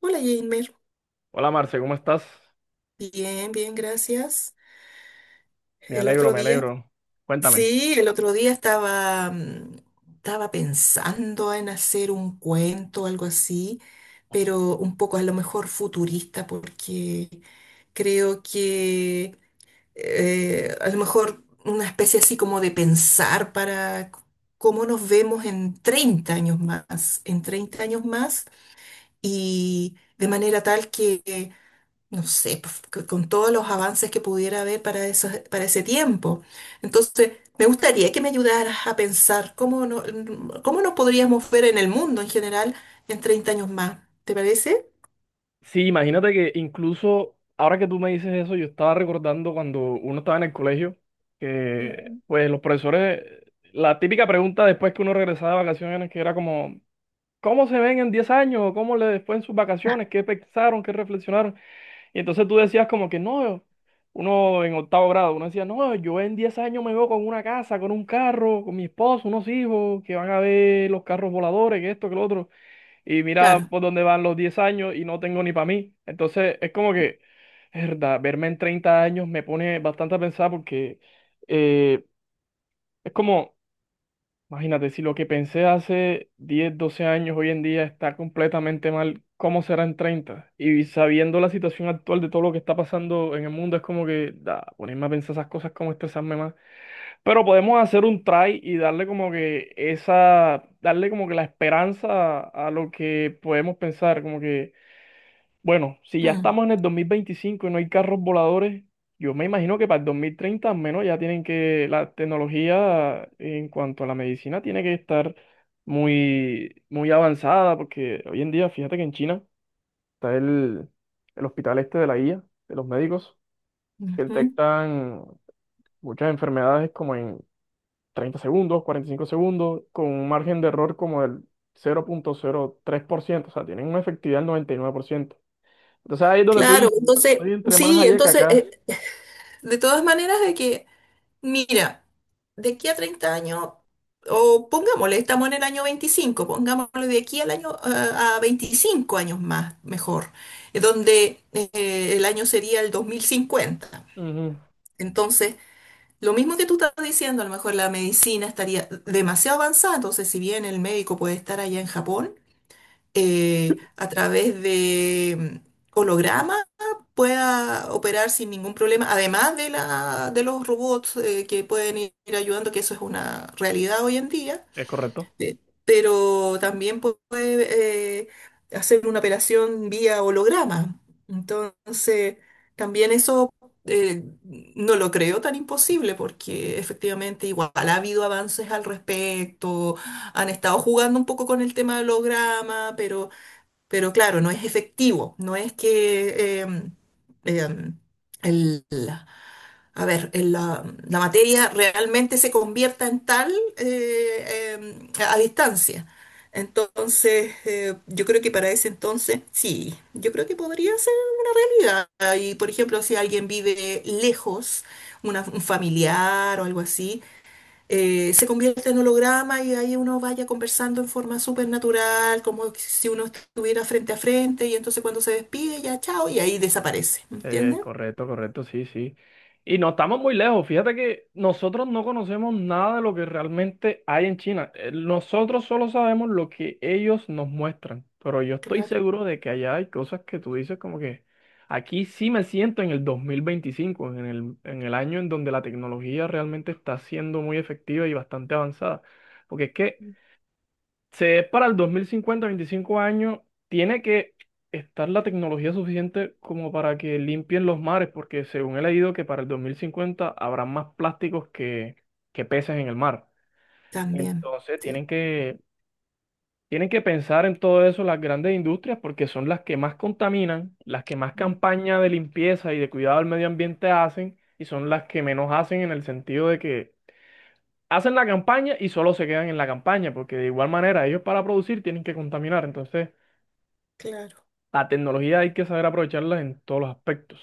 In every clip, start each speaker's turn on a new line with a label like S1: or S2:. S1: Hola, Jamer.
S2: Hola Marce, ¿cómo estás?
S1: Bien, bien, gracias.
S2: Me
S1: El
S2: alegro,
S1: otro
S2: me
S1: día,
S2: alegro. Cuéntame.
S1: sí, el otro día estaba, estaba pensando en hacer un cuento, algo así, pero un poco a lo mejor futurista, porque creo que a lo mejor una especie así como de pensar cómo nos vemos en 30 años más, y de manera tal que no sé, pues, con todos los avances que pudiera haber para ese tiempo. Entonces, me gustaría que me ayudaras a pensar cómo, no- cómo nos podríamos ver en el mundo en general en 30 años más. ¿Te parece?
S2: Sí, imagínate que incluso ahora que tú me dices eso, yo estaba recordando cuando uno estaba en el colegio, que
S1: Ujú.
S2: pues los profesores, la típica pregunta después que uno regresaba de vacaciones, que era como, ¿cómo se ven en 10 años? ¿Cómo les fue en sus vacaciones? ¿Qué pensaron? ¿Qué reflexionaron? Y entonces tú decías como que no, uno en octavo grado, uno decía, no, yo en 10 años me veo con una casa, con un carro, con mi esposo, unos hijos, que van a ver los carros voladores, que esto, que lo otro. Y mira
S1: Claro.
S2: por dónde van los 10 años y no tengo ni para mí. Entonces es como que, es verdad, verme en 30 años me pone bastante a pensar porque eh, es como, imagínate, si lo que pensé hace 10 12 años hoy en día está completamente mal, ¿cómo será en treinta? Y sabiendo la situación actual de todo lo que está pasando en el mundo, es como que, da, ponerme a pensar esas cosas, como estresarme más. Pero podemos hacer un try y darle como que esa, darle como que la esperanza a lo que podemos pensar, como que bueno, si ya
S1: Mm,
S2: estamos en el 2025 y no hay carros voladores, yo me imagino que para el 2030 al menos ya tienen que, la tecnología en cuanto a la medicina tiene que estar muy, muy avanzada, porque hoy en día, fíjate que en China está el hospital este de la IA, de los médicos, que
S1: ujú.
S2: detectan muchas enfermedades como en 30 segundos, 45 segundos, con un margen de error como del 0,03%, o sea, tienen una efectividad del 99%. Entonces ahí es donde tú
S1: Claro,
S2: dices,
S1: entonces,
S2: estoy entre más
S1: sí,
S2: allá que
S1: entonces,
S2: acá.
S1: de todas maneras, de que mira, de aquí a 30 años, o pongámosle, estamos en el año 25, pongámosle de aquí al año, a 25 años más, mejor, donde el año sería el 2050.
S2: Ujú.
S1: Entonces, lo mismo que tú estás diciendo, a lo mejor la medicina estaría demasiado avanzada, entonces si bien el médico puede estar allá en Japón, a través de holograma pueda operar sin ningún problema, además de la, de los robots que pueden ir ayudando, que eso es una realidad hoy en día.
S2: Es correcto,
S1: eh, pero también puede hacer una operación vía holograma. Entonces, también eso, eh, no lo creo tan imposible porque efectivamente igual ha habido avances al respecto, han estado jugando un poco con el tema del holograma, pero claro, no es efectivo, no es que em, el, a ver, el, la materia realmente se convierta en tal, a distancia. Entonces, yo creo que para ese entonces, sí, yo creo que podría ser realidad. Y, por ejemplo, si alguien vive lejos, un familiar o algo así, se convierte en holograma y ahí uno vaya conversando en forma súper natural, como si uno estuviera frente a frente y entonces cuando se despide ya chao y ahí desaparece, ¿entiendes?
S2: correcto, correcto, sí, sí. Y no estamos muy lejos. Fíjate que nosotros no conocemos nada de lo que realmente hay en China. Nosotros solo sabemos lo que ellos nos muestran. Pero yo estoy
S1: Claro.
S2: seguro de que allá hay cosas que tú dices como que aquí sí me siento en el 2025 en el año en donde la tecnología realmente está siendo muy efectiva y bastante avanzada. Porque es que Se es para el 2050, 25 años, tiene que estar la tecnología suficiente como para que limpien los mares, porque según he leído que para el 2050 habrá más plásticos que peces en el mar.
S1: También,
S2: Entonces
S1: sí.
S2: tienen que pensar en todo eso las grandes industrias, porque son las que más contaminan, las que más
S1: Mm.
S2: campaña de limpieza y de cuidado del medio ambiente hacen, y son las que menos hacen en el sentido de que hacen la campaña y solo se quedan en la campaña, porque de igual manera ellos para producir tienen que contaminar. Entonces,
S1: Claro.
S2: la tecnología hay que saber aprovecharla en todos los aspectos,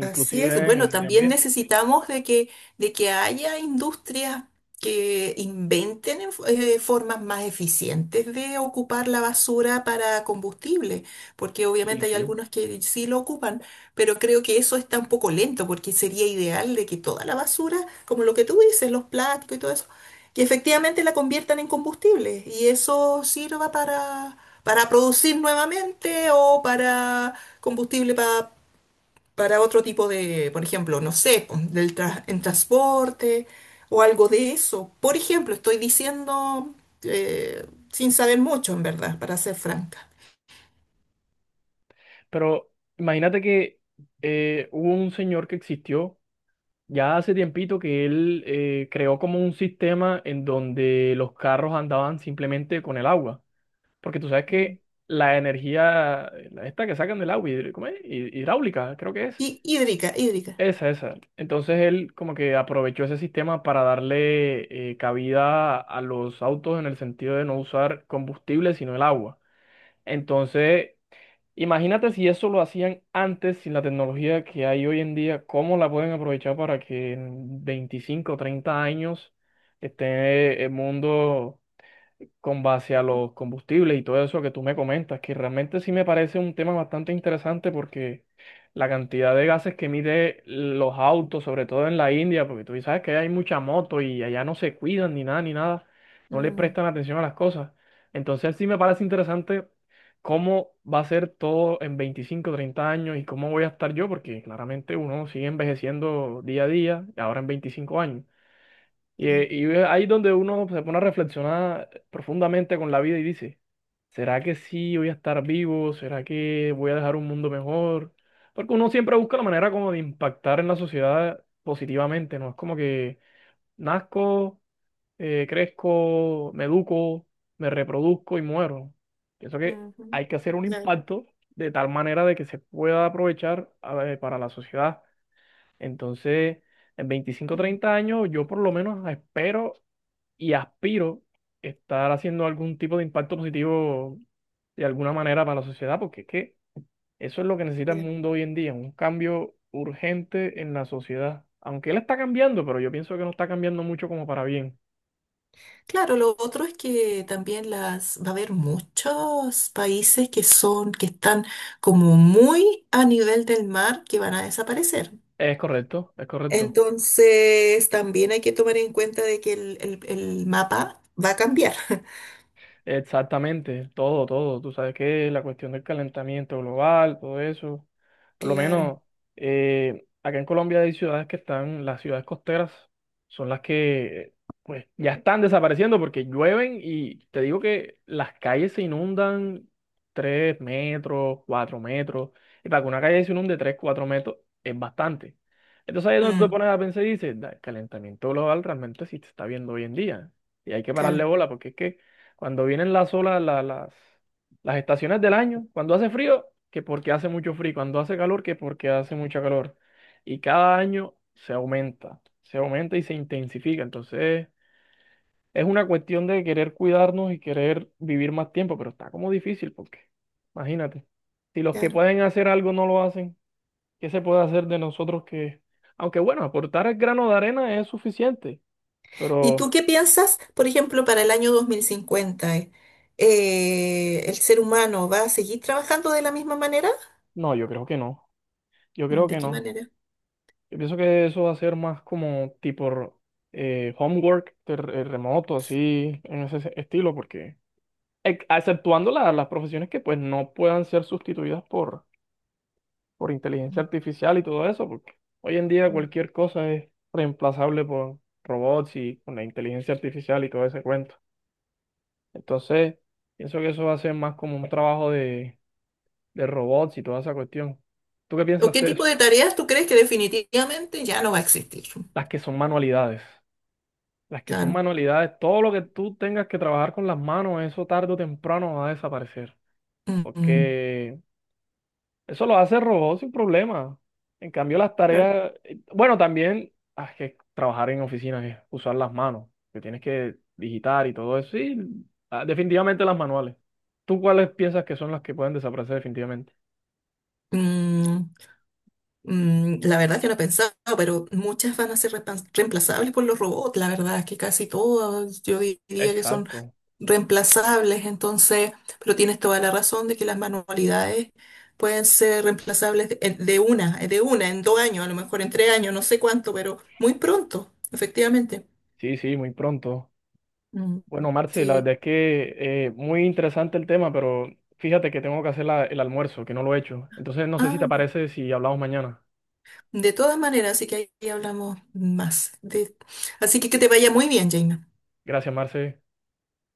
S1: Así es.
S2: en el
S1: Bueno,
S2: medio
S1: también
S2: ambiente.
S1: necesitamos de que haya industrias que inventen formas más eficientes de ocupar la basura para combustible, porque
S2: Sí,
S1: obviamente hay
S2: sí.
S1: algunos que sí lo ocupan, pero creo que eso está un poco lento, porque sería ideal de que toda la basura, como lo que tú dices, los plásticos y todo eso, que efectivamente la conviertan en combustible y eso sirva para producir nuevamente o para combustible para otro tipo de, por ejemplo, no sé, po, en transporte o algo de eso. Por ejemplo, estoy diciendo eh, sin saber mucho, en verdad, para ser franca.
S2: Pero imagínate que hubo un señor que existió ya hace tiempito que él creó como un sistema en donde los carros andaban simplemente con el agua, porque tú sabes que la energía, la esta que sacan del agua, ¿cómo es? Hidráulica, creo que es.
S1: Y hídrica, hídrica.
S2: Esa, esa. Entonces él como que aprovechó ese sistema para darle cabida a los autos en el sentido de no usar combustible, sino el agua. Entonces, imagínate si eso lo hacían antes sin la tecnología que hay hoy en día, ¿cómo la pueden aprovechar para que en 25 o 30 años esté el mundo con base a los combustibles y todo eso que tú me comentas, que realmente sí me parece un tema bastante interesante porque la cantidad de gases que mide los autos, sobre todo en la India, porque tú sabes que hay mucha moto y allá no se cuidan ni nada, ni nada, no le
S1: Mm,
S2: prestan atención a las cosas. Entonces sí me parece interesante cómo va a ser todo en 25 30 años y cómo voy a estar yo, porque claramente uno sigue envejeciendo día a día, y ahora en 25 años. Y,
S1: claro,
S2: eh, y ve ahí donde uno se pone a reflexionar profundamente con la vida y dice, ¿será que sí voy a estar vivo? ¿Será que voy a dejar un mundo mejor? Porque uno siempre busca la manera como de impactar en la sociedad positivamente, ¿no? Es como que nazco, crezco, me educo, me reproduzco y muero. Pienso que
S1: ujú,
S2: hay que hacer un
S1: claro,
S2: impacto de tal manera de que se pueda aprovechar para la sociedad. Entonces, en 25 o
S1: mm,
S2: 30 años, yo por lo menos espero y aspiro estar haciendo algún tipo de impacto positivo de alguna manera para la sociedad, porque es que eso es lo que necesita el
S1: claro.
S2: mundo hoy en día, un cambio urgente en la sociedad. Aunque él está cambiando, pero yo pienso que no está cambiando mucho como para bien.
S1: Claro, lo otro es que también las va a haber muchos países que son, que están como muy a nivel del mar, que van a desaparecer.
S2: Es correcto, es correcto.
S1: Entonces, también hay que tomar en cuenta de que el mapa va a cambiar.
S2: Exactamente, todo, todo. Tú sabes que la cuestión del calentamiento global, todo eso. Por lo
S1: Claro,
S2: menos acá en Colombia hay ciudades que están, las ciudades costeras son las que pues ya están desapareciendo porque llueven y te digo que las calles se inundan 3 metros, 4 metros. Y para que una calle se inunde 3 4 metros es bastante. Entonces ahí es donde te
S1: mm,
S2: pones a pensar y dices: "Da, el calentamiento global realmente sí se está viendo hoy en día". Y hay que pararle
S1: claro,
S2: bola porque es que cuando vienen las olas, las estaciones del año, cuando hace frío, que porque hace mucho frío, cuando hace calor, que porque hace mucha calor. Y cada año se aumenta y se intensifica. Entonces, es una cuestión de querer cuidarnos y querer vivir más tiempo, pero está como difícil porque, imagínate, si los que
S1: claro.
S2: pueden hacer algo no lo hacen, ¿qué se puede hacer de nosotros que, aunque bueno, aportar el grano de arena es suficiente,
S1: ¿Y tú
S2: pero
S1: qué piensas, por ejemplo, para el año 2050? ¿El ser humano va a seguir trabajando de la misma manera?
S2: no, yo creo que no, yo creo
S1: ¿De
S2: que
S1: qué
S2: no.
S1: manera?
S2: Yo pienso que eso va a ser más como tipo homework de remoto, así, en ese estilo, porque exceptuando las profesiones que pues no puedan ser sustituidas por inteligencia artificial y todo eso, porque hoy en día
S1: Mm.
S2: cualquier cosa es reemplazable por robots y con la inteligencia artificial y todo ese cuento. Entonces, pienso que eso va a ser más como un trabajo de robots y toda esa cuestión. ¿Tú qué
S1: ¿O
S2: piensas
S1: qué
S2: de
S1: tipo
S2: eso?
S1: de tareas tú crees que definitivamente ya no va a existir?
S2: Las que son manualidades. Las que son
S1: Claro.
S2: manualidades, todo lo que tú tengas que trabajar con las manos, eso tarde o temprano va a desaparecer.
S1: Mm, mm,
S2: Porque eso lo hace el robot sin problema. En cambio, las
S1: claro.
S2: tareas, bueno, también hay que trabajar en oficinas es usar las manos, que tienes que digitar y todo eso. Sí, ah, definitivamente las manuales. ¿Tú cuáles piensas que son las que pueden desaparecer definitivamente?
S1: Mm, mm, la verdad que no he pensado, pero muchas van a ser reemplazables por los robots. La verdad es que casi todas yo diría que son
S2: Exacto.
S1: reemplazables. Entonces, pero tienes toda la razón de que las manualidades pueden ser reemplazables de, de una, en 2 años, a lo mejor en 3 años, no sé cuánto, pero muy pronto, efectivamente.
S2: Sí, sí, muy pronto.
S1: Mm,
S2: Bueno, Marce, la
S1: sí.
S2: verdad es que muy interesante el tema, pero fíjate que tengo que hacer el almuerzo, que no lo he hecho. Entonces, no sé si
S1: Ah,
S2: te
S1: ya.
S2: parece si hablamos mañana.
S1: De todas maneras, así que ahí hablamos más. De... Así que te vaya muy bien, Jaina.
S2: Gracias, Marce.